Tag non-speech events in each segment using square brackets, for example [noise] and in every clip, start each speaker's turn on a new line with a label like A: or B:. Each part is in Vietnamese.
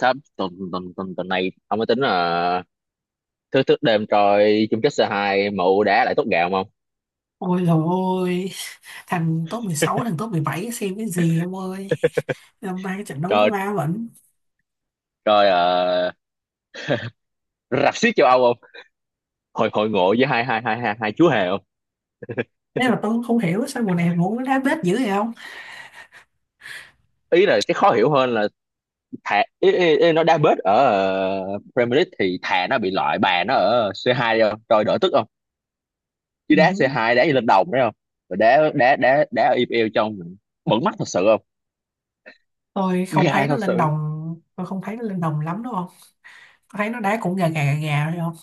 A: Sắp tuần tuần tuần tuần này ông mới tính là thức thức đêm coi chung kết C2 mụ đá lại tốt gạo không ông?
B: Ôi dồi ôi, thằng top 16, thằng top 17 xem cái gì ông ơi. Năm nay trận đấu
A: Coi
B: ma vẫn.
A: coi ờ, rạp xiếc châu Âu không? Hội hội ngộ với hai hai hai hai hai chú hề không?
B: Thế mà
A: [laughs]
B: tôi cũng không hiểu sao mùa này muốn đá bết dữ vậy không?
A: Ý là cái khó hiểu hơn là thà ý, ý, ý, nó đá bết ở Premier League thì thà nó bị loại bà nó ở C2 đi không? Coi đỡ tức không? Chứ
B: Ừ.
A: đá C2 đá như lên đồng đấy không? Rồi đá đá đá đá ở EPL trong bẩn mắt thật sự không?
B: Tôi không
A: Ga
B: thấy nó
A: thật
B: lên
A: sự
B: đồng, tôi không thấy nó lên đồng lắm đúng không? Tôi thấy nó đá cũng gà gà gà gà thôi không?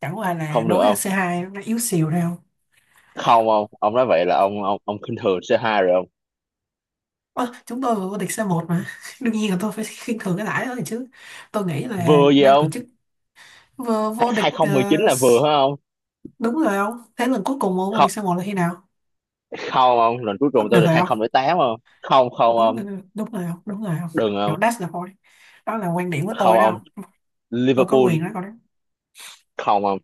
B: Chẳng qua là
A: không được
B: đối là
A: không?
B: c hai nó yếu xìu thôi không?
A: Không không? Ông nói vậy là ông khinh thường C2 rồi không?
B: Ơ, chúng tôi vừa vô địch c một mà. [laughs] Đương nhiên là tôi phải [laughs] khinh thường cái đãi đó rồi chứ. Tôi nghĩ là
A: Vừa gì
B: ban tổ
A: không?
B: chức vừa vô địch
A: 2019 là vừa phải không
B: đúng rồi không? Thế lần cuối cùng vô
A: không
B: địch c một là khi nào?
A: không ông, lần cuối cùng tôi
B: Được
A: được
B: rồi không?
A: 2008 không không tám không. Không, không
B: Đúng
A: ông,
B: là đúng rồi không, đúng rồi không,
A: đừng
B: kiểu
A: không
B: that's the point, đó là quan điểm của tôi
A: không
B: đó
A: ông
B: không, tôi có
A: Liverpool
B: quyền nói câu đó,
A: không ông.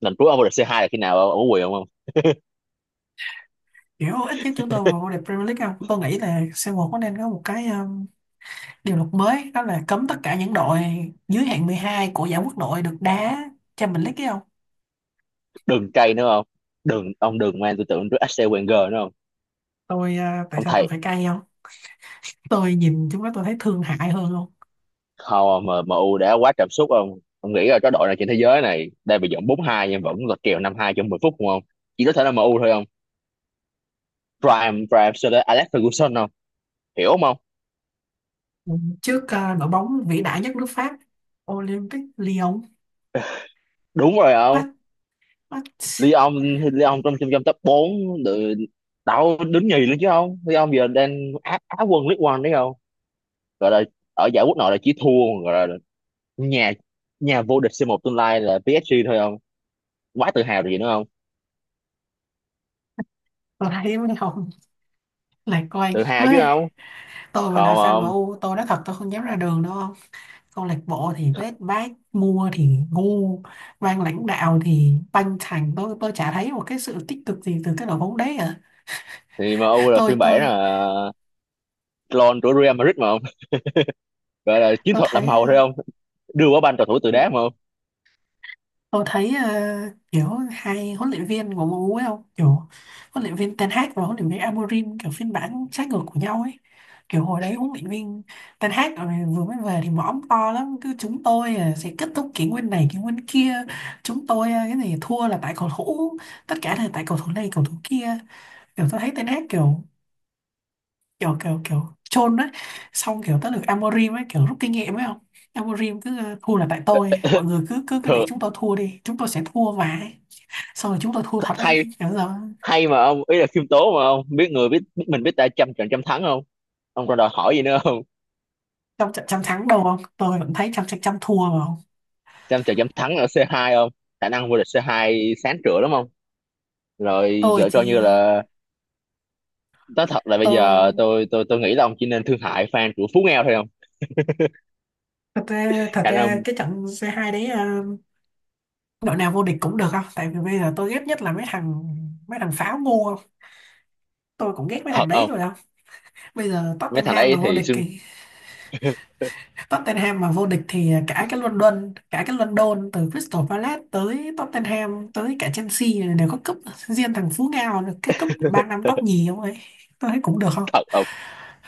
A: Lần cuối ông được C2 là khi nào ông ở quyền không ông?
B: kiểu ít nhất chúng tôi vào vô địch Premier League không, tôi nghĩ là c một có nên có một cái điều luật mới đó là cấm tất cả những đội dưới hạng 12 của giải quốc nội được đá Champions League ấy không.
A: Đừng cay nữa không, đừng ông, đừng mang tư tưởng trước Arsene Wenger nữa không
B: Tôi Tại
A: ông
B: sao tôi
A: thầy.
B: phải cay không, tôi nhìn chúng nó tôi thấy thương hại hơn không.
A: Không ông, MU đã quá cảm xúc Ông nghĩ là cái đội này trên thế giới này đang bị dẫn bốn hai nhưng vẫn là kèo năm hai trong 10 phút không ông. Chỉ có thể là MU thôi không. Prime Prime Sir Alex Ferguson không. Hiểu không ông?
B: Ừ, trước đội bóng vĩ đại nhất nước Pháp Olympic Lyon.
A: Đúng rồi không.
B: What what.
A: Lyon thì Lyon trong trong trong top 4 được. Đâu đứng nhì luôn chứ không, Lyon giờ đang á quân League One đấy không. Gọi là ở giải quốc nội là chỉ thua, gọi là nhà nhà vô địch C1 tương lai là PSG thôi không. Quá tự hào rồi gì nữa không.
B: Tôi thấy mấy ông lạc quan
A: Tự hào chứ
B: quá,
A: không.
B: tôi mà là fan em
A: Còn
B: u tôi nói thật tôi không dám ra đường đâu không, câu lạc bộ thì vết bát mua thì ngu, ban lãnh đạo thì banh thành, tôi chả thấy một cái sự tích cực gì từ cái đội bóng đấy à.
A: thì em U là
B: tôi
A: phiên bản
B: tôi
A: là clone của Real Madrid mà không. Gọi là chiến
B: tôi
A: thuật làm
B: thấy à,
A: màu thôi không. Đưa quả banh cầu thủ từ đá mà không.
B: Tôi thấy kiểu hai huấn luyện viên của MU ấy không, kiểu huấn luyện viên Ten Hag và huấn luyện viên Amorim kiểu phiên bản trái ngược của nhau ấy, kiểu hồi đấy huấn luyện viên Ten Hag vừa mới về thì mõm to lắm, cứ chúng tôi sẽ kết thúc kỷ nguyên này kỷ nguyên kia, chúng tôi cái này thua là tại cầu thủ, tất cả là tại cầu thủ này cầu thủ kia, kiểu tôi thấy Ten Hag kiểu kiểu chôn đấy, xong kiểu tới lượt Amorim ấy kiểu rút kinh nghiệm ấy không. Amorim cứ thua là tại tôi, mọi người cứ cứ cứ nghĩ
A: Thường
B: chúng tôi thua đi, chúng tôi sẽ thua vãi, xong rồi chúng tôi thua thật đấy.
A: hay
B: Nhớ rồi,
A: hay mà ông, ý là khiêm tốn mà không? Biết người biết, biết mình biết ta, trăm trận trăm thắng không. Ông còn đòi hỏi gì nữa không.
B: trong trận trăm thắng đâu không, tôi vẫn thấy trăm trận trăm thua mà không.
A: Xem trận dám thắng ở C2 không? Khả năng vô địch C2 sáng trưa lắm không? Rồi
B: tôi
A: gỡ cho
B: chỉ
A: như là nói thật là bây giờ
B: tôi
A: tôi nghĩ là ông chỉ nên thương hại fan của Phú Ngao thôi không?
B: thật ra, thật
A: Khả
B: ra
A: năng
B: cái trận C2 đấy đội nào vô địch cũng được không, tại vì bây giờ tôi ghét nhất là mấy thằng pháo ngu không, tôi cũng ghét mấy
A: thật
B: thằng đấy
A: không?
B: rồi không. Bây giờ
A: Mấy thằng
B: Tottenham mà
A: đấy
B: vô
A: thì
B: địch
A: xưng.
B: thì
A: [laughs]
B: Tottenham mà vô địch thì cả cái London, cả cái London từ Crystal Palace tới Tottenham tới cả Chelsea này đều có cúp, riêng thằng Phú Ngao được cái cúp ba năm top nhì không ấy, tôi thấy cũng được không.
A: Thật không?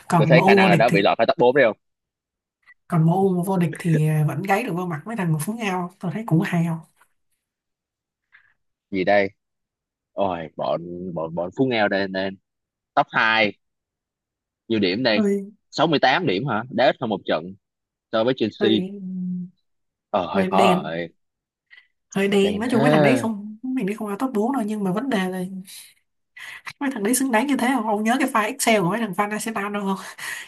B: Còn
A: Tôi
B: em
A: thấy khả
B: U
A: năng
B: vô
A: là
B: địch
A: đã
B: thì
A: bị lọt khỏi top 4 đấy không?
B: còn MU vô địch thì vẫn gáy được vô mặt mấy thằng của Phú Ngao, tôi thấy cũng hay không.
A: Gì đây? Ôi bọn bọn bọn Phú Ngao đây nên top 2 nhiều điểm đây.
B: Hơi
A: 68 điểm hả? Đá ít hơn một trận so với Chelsea.
B: hơi
A: Ờ hơi
B: Hơi
A: khó
B: đen,
A: rồi.
B: hơi đen,
A: Đen
B: nói chung
A: thế.
B: mấy thằng đấy không mình đi không vào top 4 đâu, nhưng mà vấn đề là mấy thằng đấy xứng đáng như thế không. Ông nhớ cái file Excel của mấy thằng fan Arsenal đâu không,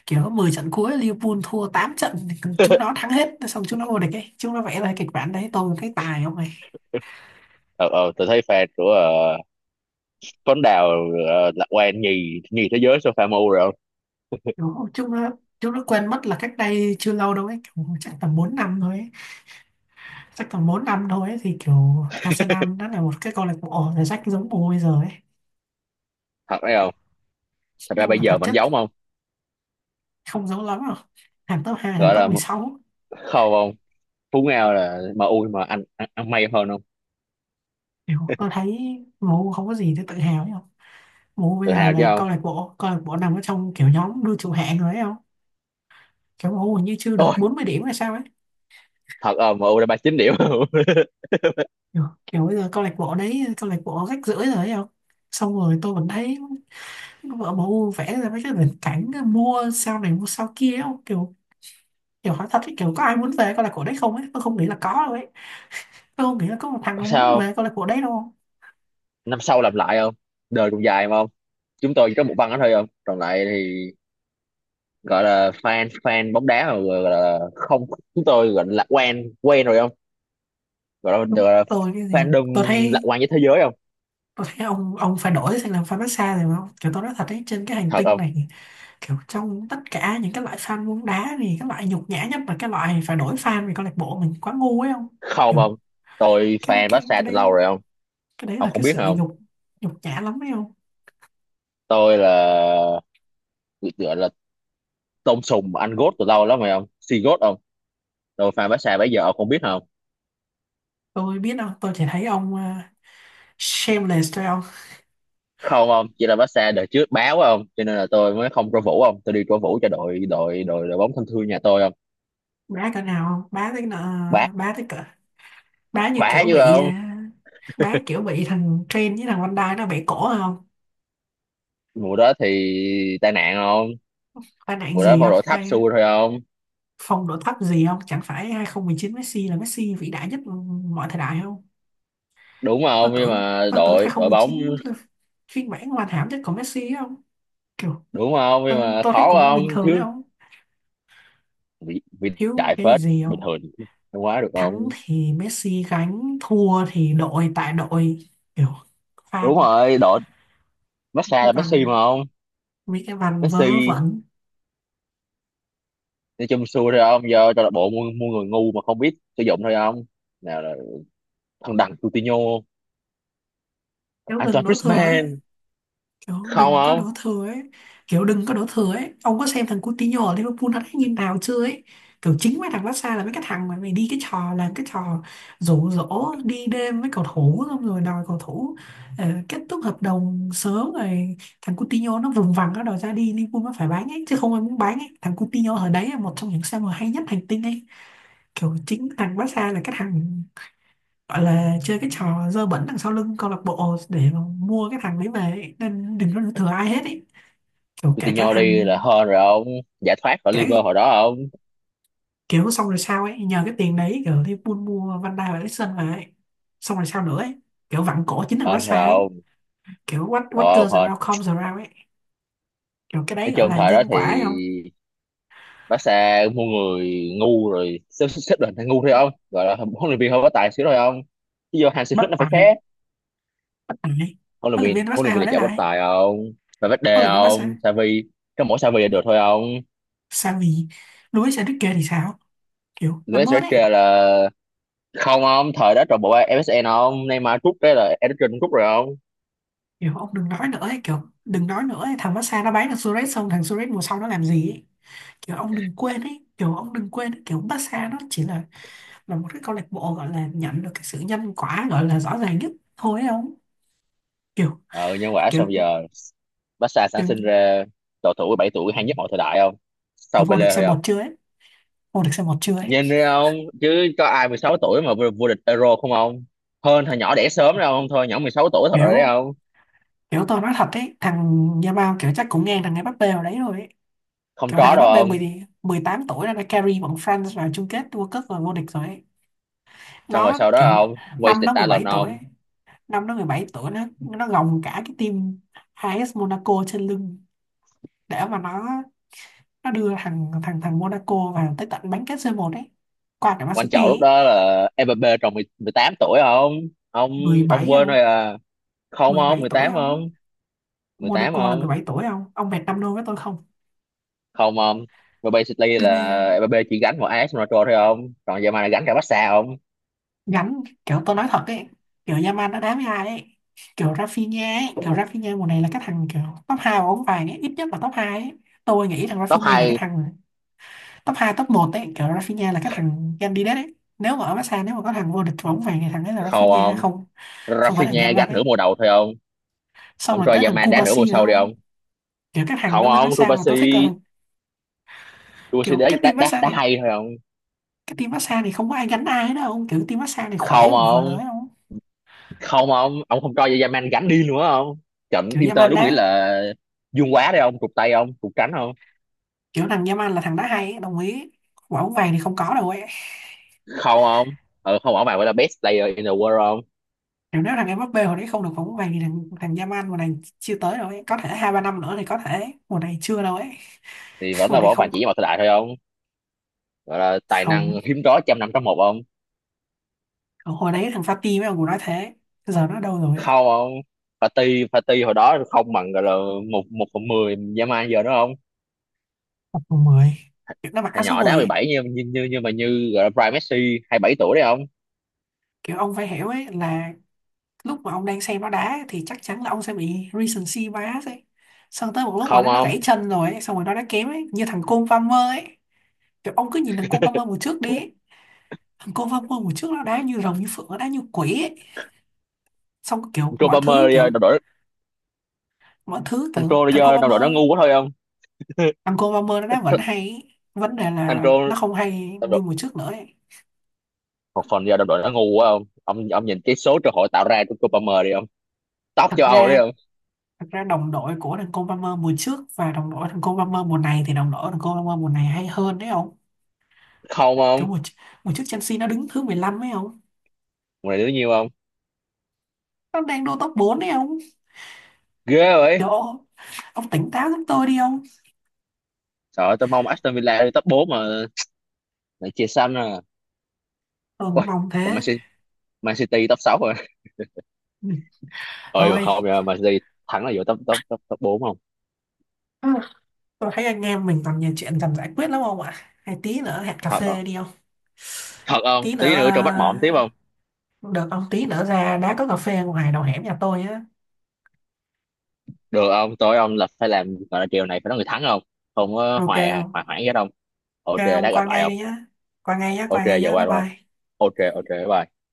B: kiểu 10 trận cuối Liverpool thua 8 trận, chúng nó
A: [laughs]
B: thắng hết xong chúng nó vô địch ấy, chúng nó vẽ ra kịch bản đấy tôi thấy tài không này.
A: Ờ tôi thấy fan của Tuấn Đào lạc quan nhì nhì thế giới sofa MU rồi không?
B: Đúng không, chúng nó quên mất là cách đây chưa lâu đâu ấy, kiểu chắc tầm 4 năm thôi ấy. Chắc tầm 4 năm thôi ấy, thì kiểu Arsenal đã là một cái câu lạc bộ ở rách giống bố bây giờ ấy,
A: Thật đấy không? Thật ra
B: nhưng
A: bây
B: mà thật
A: giờ vẫn
B: chất
A: giống không?
B: không giống lắm đâu, hàng top 2 hàng
A: Gọi
B: top
A: là
B: 16.
A: khâu không? Phú Ngao là MU mà anh ăn may hơn không?
B: Kiểu tôi thấy MU không có gì để tự hào ấy không, MU bây
A: Tự
B: giờ
A: hào chứ
B: là
A: không?
B: câu lạc bộ nằm ở trong kiểu nhóm đua trụ hạng rồi ấy không, kiểu MU hình như chưa được
A: Ôi,
B: 40 điểm hay sao ấy,
A: thật không? MU đã 39 điểm không? [laughs]
B: kiểu bây giờ câu lạc bộ đấy câu lạc bộ rách rưởi rồi ấy không. Xong rồi tôi vẫn thấy vợ MU vẽ ra mấy cái viễn cảnh mua sao này mua sao kia ấy không, kiểu kiểu hỏi thật ấy, kiểu có ai muốn về câu lạc bộ đấy không ấy, tôi không nghĩ là có đâu ấy, tôi không nghĩ là có một thằng nó muốn
A: Sao?
B: về câu lạc bộ đấy đâu.
A: Năm sau làm lại không? Đời còn dài mà không? Chúng tôi chỉ có một băng đó thôi không. Còn lại thì gọi là fan fan bóng đá mà gọi là không, chúng tôi gọi là lạc quan quen rồi không? Gọi là,
B: Đúng
A: gọi là
B: tôi cái gì không,
A: fandom
B: tôi
A: lạc
B: thấy
A: quan với thế giới không?
B: tôi thấy ông phải đổi sang làm fan massage rồi không, kiểu tôi nói thật ấy trên cái hành
A: Thật
B: tinh
A: không?
B: này, kiểu trong tất cả những cái loại fan bóng đá thì cái loại nhục nhã nhất là cái loại phải đổi fan vì câu lạc bộ mình quá ngu ấy không.
A: Không
B: Kiểu
A: không? Tôi
B: cái
A: fan
B: cái
A: Barca
B: cái
A: từ
B: đấy
A: lâu rồi không?
B: cái đấy
A: Ông
B: là
A: không
B: cái
A: biết
B: sự
A: không?
B: nhục nhục nhã lắm ấy không.
A: Tôi là gọi là tôm sùng anh gốt từ lâu lắm rồi ông, si gốt ông. Tôi fan Barca bây giờ ông không biết không.
B: Tôi biết đâu, tôi chỉ thấy ông shameless thôi không.
A: Không ông, chỉ là Barca đời trước báo ông, cho nên là tôi mới không cổ vũ ông, tôi đi cổ vũ cho đội đội đội đội bóng thân thương nhà tôi ông.
B: Bá cỡ nào không, bá tới nợ,
A: bá
B: bá tới cỡ, Bá như
A: bá
B: kiểu
A: chứ
B: bị
A: không.
B: bá kiểu bị thằng Train với thằng Van Dijk nó bẻ cổ không?
A: Mùa đó thì tai nạn không.
B: Tai nạn
A: Mùa đó
B: gì
A: phong
B: không?
A: độ thấp
B: Tai
A: xuôi thôi không.
B: phong độ thấp gì không? Chẳng phải 2019 Messi là Messi vĩ đại nhất mọi thời đại không?
A: Đúng
B: Tôi
A: không nhưng
B: tưởng
A: mà
B: tôi tưởng
A: đội đội bóng.
B: 2019 là phiên bản hoàn hảo nhất của Messi ấy không? Kiểu
A: Đúng không
B: tôi,
A: nhưng mà
B: tôi thấy
A: khó
B: cũng
A: không
B: bình thường đấy
A: thiếu.
B: không?
A: Vĩ vĩ
B: Thiếu
A: đại
B: cái
A: phết
B: gì
A: bình
B: không?
A: thường không quá được
B: Thắng
A: không.
B: thì Messi gánh, thua thì đội tại đội, kiểu
A: Đúng
B: fan
A: rồi đội Barca
B: cái
A: là Messi
B: văn,
A: mà không.
B: mấy cái văn vớ
A: Messi
B: vẩn,
A: nói chung xui thôi ông, giờ câu lạc bộ mua mua người ngu mà không biết sử dụng thôi ông. Nào là thằng đằng Coutinho,
B: nếu đừng
A: Antoine
B: đổ thừa ấy.
A: Griezmann
B: Kiểu
A: không
B: đừng có đổ
A: ông.
B: thừa ấy. Kiểu đừng có đổ thừa ấy. Ông có xem thằng Coutinho ở Liverpool nó đánh như nào chưa ấy. Kiểu chính mấy thằng Barca là mấy cái thằng mà mày đi cái trò là cái trò rủ rỗ đi đêm với cầu thủ, xong rồi đòi cầu thủ kết thúc hợp đồng sớm, rồi thằng Coutinho nó vùng vằng nó đòi ra đi, Liverpool nó phải bán ấy chứ không ai muốn bán ấy, thằng Coutinho ở đấy là một trong những xe mà hay nhất hành tinh ấy. Kiểu chính thằng Barca là cái thằng gọi là chơi cái trò dơ bẩn đằng sau lưng câu lạc bộ để mà mua cái thằng đấy về ấy. Nên đừng có đổ thừa ai hết ấy. Kiểu cả cả
A: Coutinho đi
B: thằng
A: là hên rồi ông, giải thoát khỏi
B: cả
A: Liverpool
B: cái-
A: hồi đó ông.
B: kiểu xong rồi sao ấy, nhờ cái tiền đấy kiểu thì buôn mua Van Dijk và Eriksen về, xong rồi sao nữa ấy, kiểu vặn cổ chính thằng
A: Hên thôi
B: Barca ấy,
A: ông.
B: kiểu what what
A: ờ
B: goes
A: hên
B: around comes around ấy, kiểu cái
A: nói
B: đấy gọi
A: chung
B: là
A: thời đó
B: nhân
A: thì
B: quả ấy không.
A: Barca mua người ngu rồi xếp xếp xếp đoàn thằng ngu thôi ông, gọi là huấn luyện viên hơi có tài xíu thôi ông, chứ vô Hansi
B: bất
A: Flick nó phải
B: tài
A: khác.
B: Bất tài.
A: huấn luyện
B: Huấn luyện
A: viên
B: viên
A: huấn
B: Barca
A: luyện viên
B: hồi
A: là
B: đấy
A: chả
B: là
A: có
B: ai,
A: tài ông, phải Valverde
B: huấn luyện viên
A: ông
B: Barca
A: Xavi. Có mỗi Xavi là được thôi ông.
B: sao, vì Luis Enrique thì sao, kiểu làm
A: Luis
B: ơn ấy.
A: Enrique là không ông, thời đó trò bộ MSN không. Neymar rút cái là Eriksen cũng rút rồi không.
B: Kiểu ông đừng nói nữa ấy, kiểu đừng nói nữa ấy. Thằng Barca nó bán thằng Suarez xong thằng Suarez mùa sau nó làm gì ấy. Kiểu ông đừng quên ấy, kiểu ông đừng quên ấy. Kiểu Barca nó chỉ là một cái câu lạc bộ gọi là nhận được cái sự nhân quả gọi là rõ ràng nhất thôi ấy không. Kiểu
A: Ờ nhân quả
B: kiểu
A: xong giờ Barca sản
B: kiểu,
A: sinh ra cầu thủ 17 tuổi hay nhất mọi thời đại không,
B: kiểu
A: sau
B: Vô địch
A: Pele
B: c
A: thôi
B: một
A: không.
B: chưa ấy, vô địch c một chưa ấy.
A: Nhìn đi ông, chứ có ai 16 tuổi mà vô vô địch Euro không ông, hơn thằng nhỏ đẻ sớm đâu ông. Thôi nhỏ 16 tuổi thật rồi đấy
B: Kiểu
A: không.
B: kiểu tôi nói thật ấy, thằng Nha Bao kiểu chắc cũng ngang thằng Mbappé vào đấy rồi ấy,
A: Không
B: kiểu
A: trói
B: thằng
A: đâu
B: Mbappé
A: ông,
B: 10 18 tuổi đã carry bọn France vào chung kết World Cup và vô địch rồi ấy,
A: xong rồi
B: nó
A: sau đó
B: kiểu
A: ông
B: năm
A: wasted
B: nó mười
A: talent
B: bảy tuổi
A: ông.
B: ấy. Năm nó 17 tuổi nó gồng cả cái team AS Monaco trên lưng, để mà nó đưa thằng thằng thằng Monaco vào tới tận bán kết c một đấy, qua cả Man
A: Quan
B: City
A: trọng lúc
B: ấy.
A: đó là Mbappé tròn 18 tuổi không ông. Ông
B: 17
A: quên
B: không,
A: rồi à? Không ông,
B: 17
A: mười
B: tuổi
A: tám
B: không,
A: không, 18
B: Monaco là
A: không.
B: 17 tuổi không, ông bẹt năm đô với tôi không.
A: Không không mà basically
B: Đương nhiên
A: là
B: không?
A: Mbappé chỉ gánh một AS Monaco thôi không, còn giờ mà gánh cả Barca không.
B: Gánh kiểu tôi nói thật ấy, kiểu Yamal nó đá với ai ấy, kiểu Rafinha ấy, kiểu Rafinha mùa này là cái thằng kiểu top 2 của bóng vàng ấy, ít nhất là top 2 ấy. Tôi nghĩ rằng
A: top
B: Rafinha là cái
A: hai
B: thằng top hai top một ấy, kiểu Rafinha là cái thằng candidate ấy, nếu mà ở Barca nếu mà có thằng vô địch bóng vàng thì thằng ấy là
A: không,
B: Rafinha
A: không
B: không, không phải là
A: Rafinha
B: Yamal
A: gánh
B: ấy.
A: nửa mùa đầu thôi không
B: Xong
A: ông.
B: rồi tới
A: Troy
B: thằng
A: Yaman đá nửa mùa
B: Kubasi nữa
A: sau đi
B: không,
A: không.
B: kiểu các thằng
A: Không
B: nó bên
A: không
B: massage mà tôi thích là
A: Rubasi
B: thằng
A: Rubasi
B: kiểu
A: đá,
B: cái
A: đá,
B: team
A: đá,
B: massage
A: đá
B: này,
A: hay thôi không.
B: cái team massage này không có ai gánh ai đâu không, kiểu team massage này khỏe
A: Không
B: vừa
A: không
B: lưới không,
A: không không ông, không cho Yaman gánh đi nữa không. Trận
B: kiểu
A: Inter
B: Yaman
A: đúng nghĩa
B: đá,
A: là dương quá đấy không, cục tay không cục cánh không.
B: kiểu thằng Yaman là thằng đá hay ấy, đồng ý quả bóng vàng thì không có đâu ấy.
A: Không không ừ, không bỏ bạn gọi là best player in the world không.
B: Kiểu nếu thằng Mbappé hồi đấy không được quả bóng vàng thì thằng thằng Yaman mùa này chưa tới đâu ấy, có thể hai ba năm nữa thì có thể, mùa này chưa đâu ấy.
A: Thì
B: [laughs]
A: vẫn
B: Mùa
A: là
B: này
A: bỏ bàn
B: không,
A: chỉ với một thời đại thôi không. Gọi là tài
B: không,
A: năng hiếm có trăm năm trong một không.
B: hồi đấy thằng Fati với ông cũng nói thế, giờ nó đâu rồi ấy?
A: Không không party party hồi đó không bằng gọi là một một phần mười dã man giờ đó không.
B: Tập mùa, kiểu nó mặc áo
A: Thằng
B: số
A: nhỏ đá
B: 10
A: mười
B: ấy.
A: bảy như gọi là prime Messi 27 tuổi đấy không.
B: Kiểu ông phải hiểu ấy là lúc mà ông đang xem nó đá thì chắc chắn là ông sẽ bị recency bias ấy, xong tới một lúc mà
A: Không
B: nó
A: không.
B: gãy chân rồi ấy, xong rồi nó đã kém ấy như thằng Cole Palmer ấy. Kiểu ông cứ nhìn thằng Cole
A: [laughs]
B: Palmer mùa trước đi ấy. Thằng Cole Palmer mùa trước nó đá như rồng như phượng, nó đá như quỷ ấy, xong kiểu
A: Thằng Trô
B: mọi thứ
A: Palmer giờ
B: kiểu,
A: đồng đội,
B: mọi thứ
A: thằng
B: kiểu
A: Trô
B: thằng
A: giờ
B: Cole
A: đồng đội nó
B: Palmer,
A: ngu quá thôi không.
B: thằng Cole Palmer nó đá vẫn hay ấy. Vấn đề
A: Thằng
B: là
A: Trô
B: nó không hay
A: đồng
B: như
A: đội
B: mùa trước nữa ấy.
A: một phần giờ đồng đội nó ngu quá không ông, ông nhìn cái số cơ hội tạo ra của Trô Palmer đi không. Top
B: Thật
A: châu Âu đấy
B: ra,
A: không.
B: thật ra đồng đội của thằng Cole Palmer mùa trước và đồng đội thằng Cole Palmer mùa này thì đồng đội thằng Cole Palmer mùa này hay hơn đấy ông.
A: Không
B: Cái
A: không
B: mùa, Mùa trước Chelsea nó đứng thứ 15 ấy không?
A: mùa này đứa nhiêu không.
B: Nó đang đua top 4 ấy không?
A: Ghê vậy.
B: Trời ơi, ông tỉnh táo giúp tôi đi không?
A: Trời ơi, tôi mong Aston Villa đi top 4 mà lại chia xanh à.
B: Tôi cũng
A: Ôi,
B: mong
A: còn Man
B: thế.
A: City, Man City top 6 rồi
B: Ừ.
A: ơi mà
B: Thôi.
A: không nha, mà đi thắng là vô top top top top bốn không.
B: Ừ, tôi thấy anh em mình còn nhiều chuyện cần giải quyết lắm không ạ? Hay tí nữa hẹn cà
A: Thật không
B: phê đi không?
A: thật không,
B: Tí nữa,
A: tí nữa cho bắt mỏm tiếp
B: à,
A: không.
B: được ông, tí nữa ra đã có cà phê ngoài đầu hẻm nhà tôi á.
A: Được không, tối ông là phải làm gọi là chiều này phải nói người thắng không, không có
B: Ok
A: hoài
B: không?
A: hoài hoãn gì hết không.
B: Ok
A: Ok
B: ông
A: lát gặp
B: qua
A: lại
B: ngay
A: không.
B: đi nhá. Qua ngay nhá,
A: Ok
B: qua ngay
A: giờ
B: nhá, bye
A: qua đúng không.
B: bye.
A: Ok ok bye.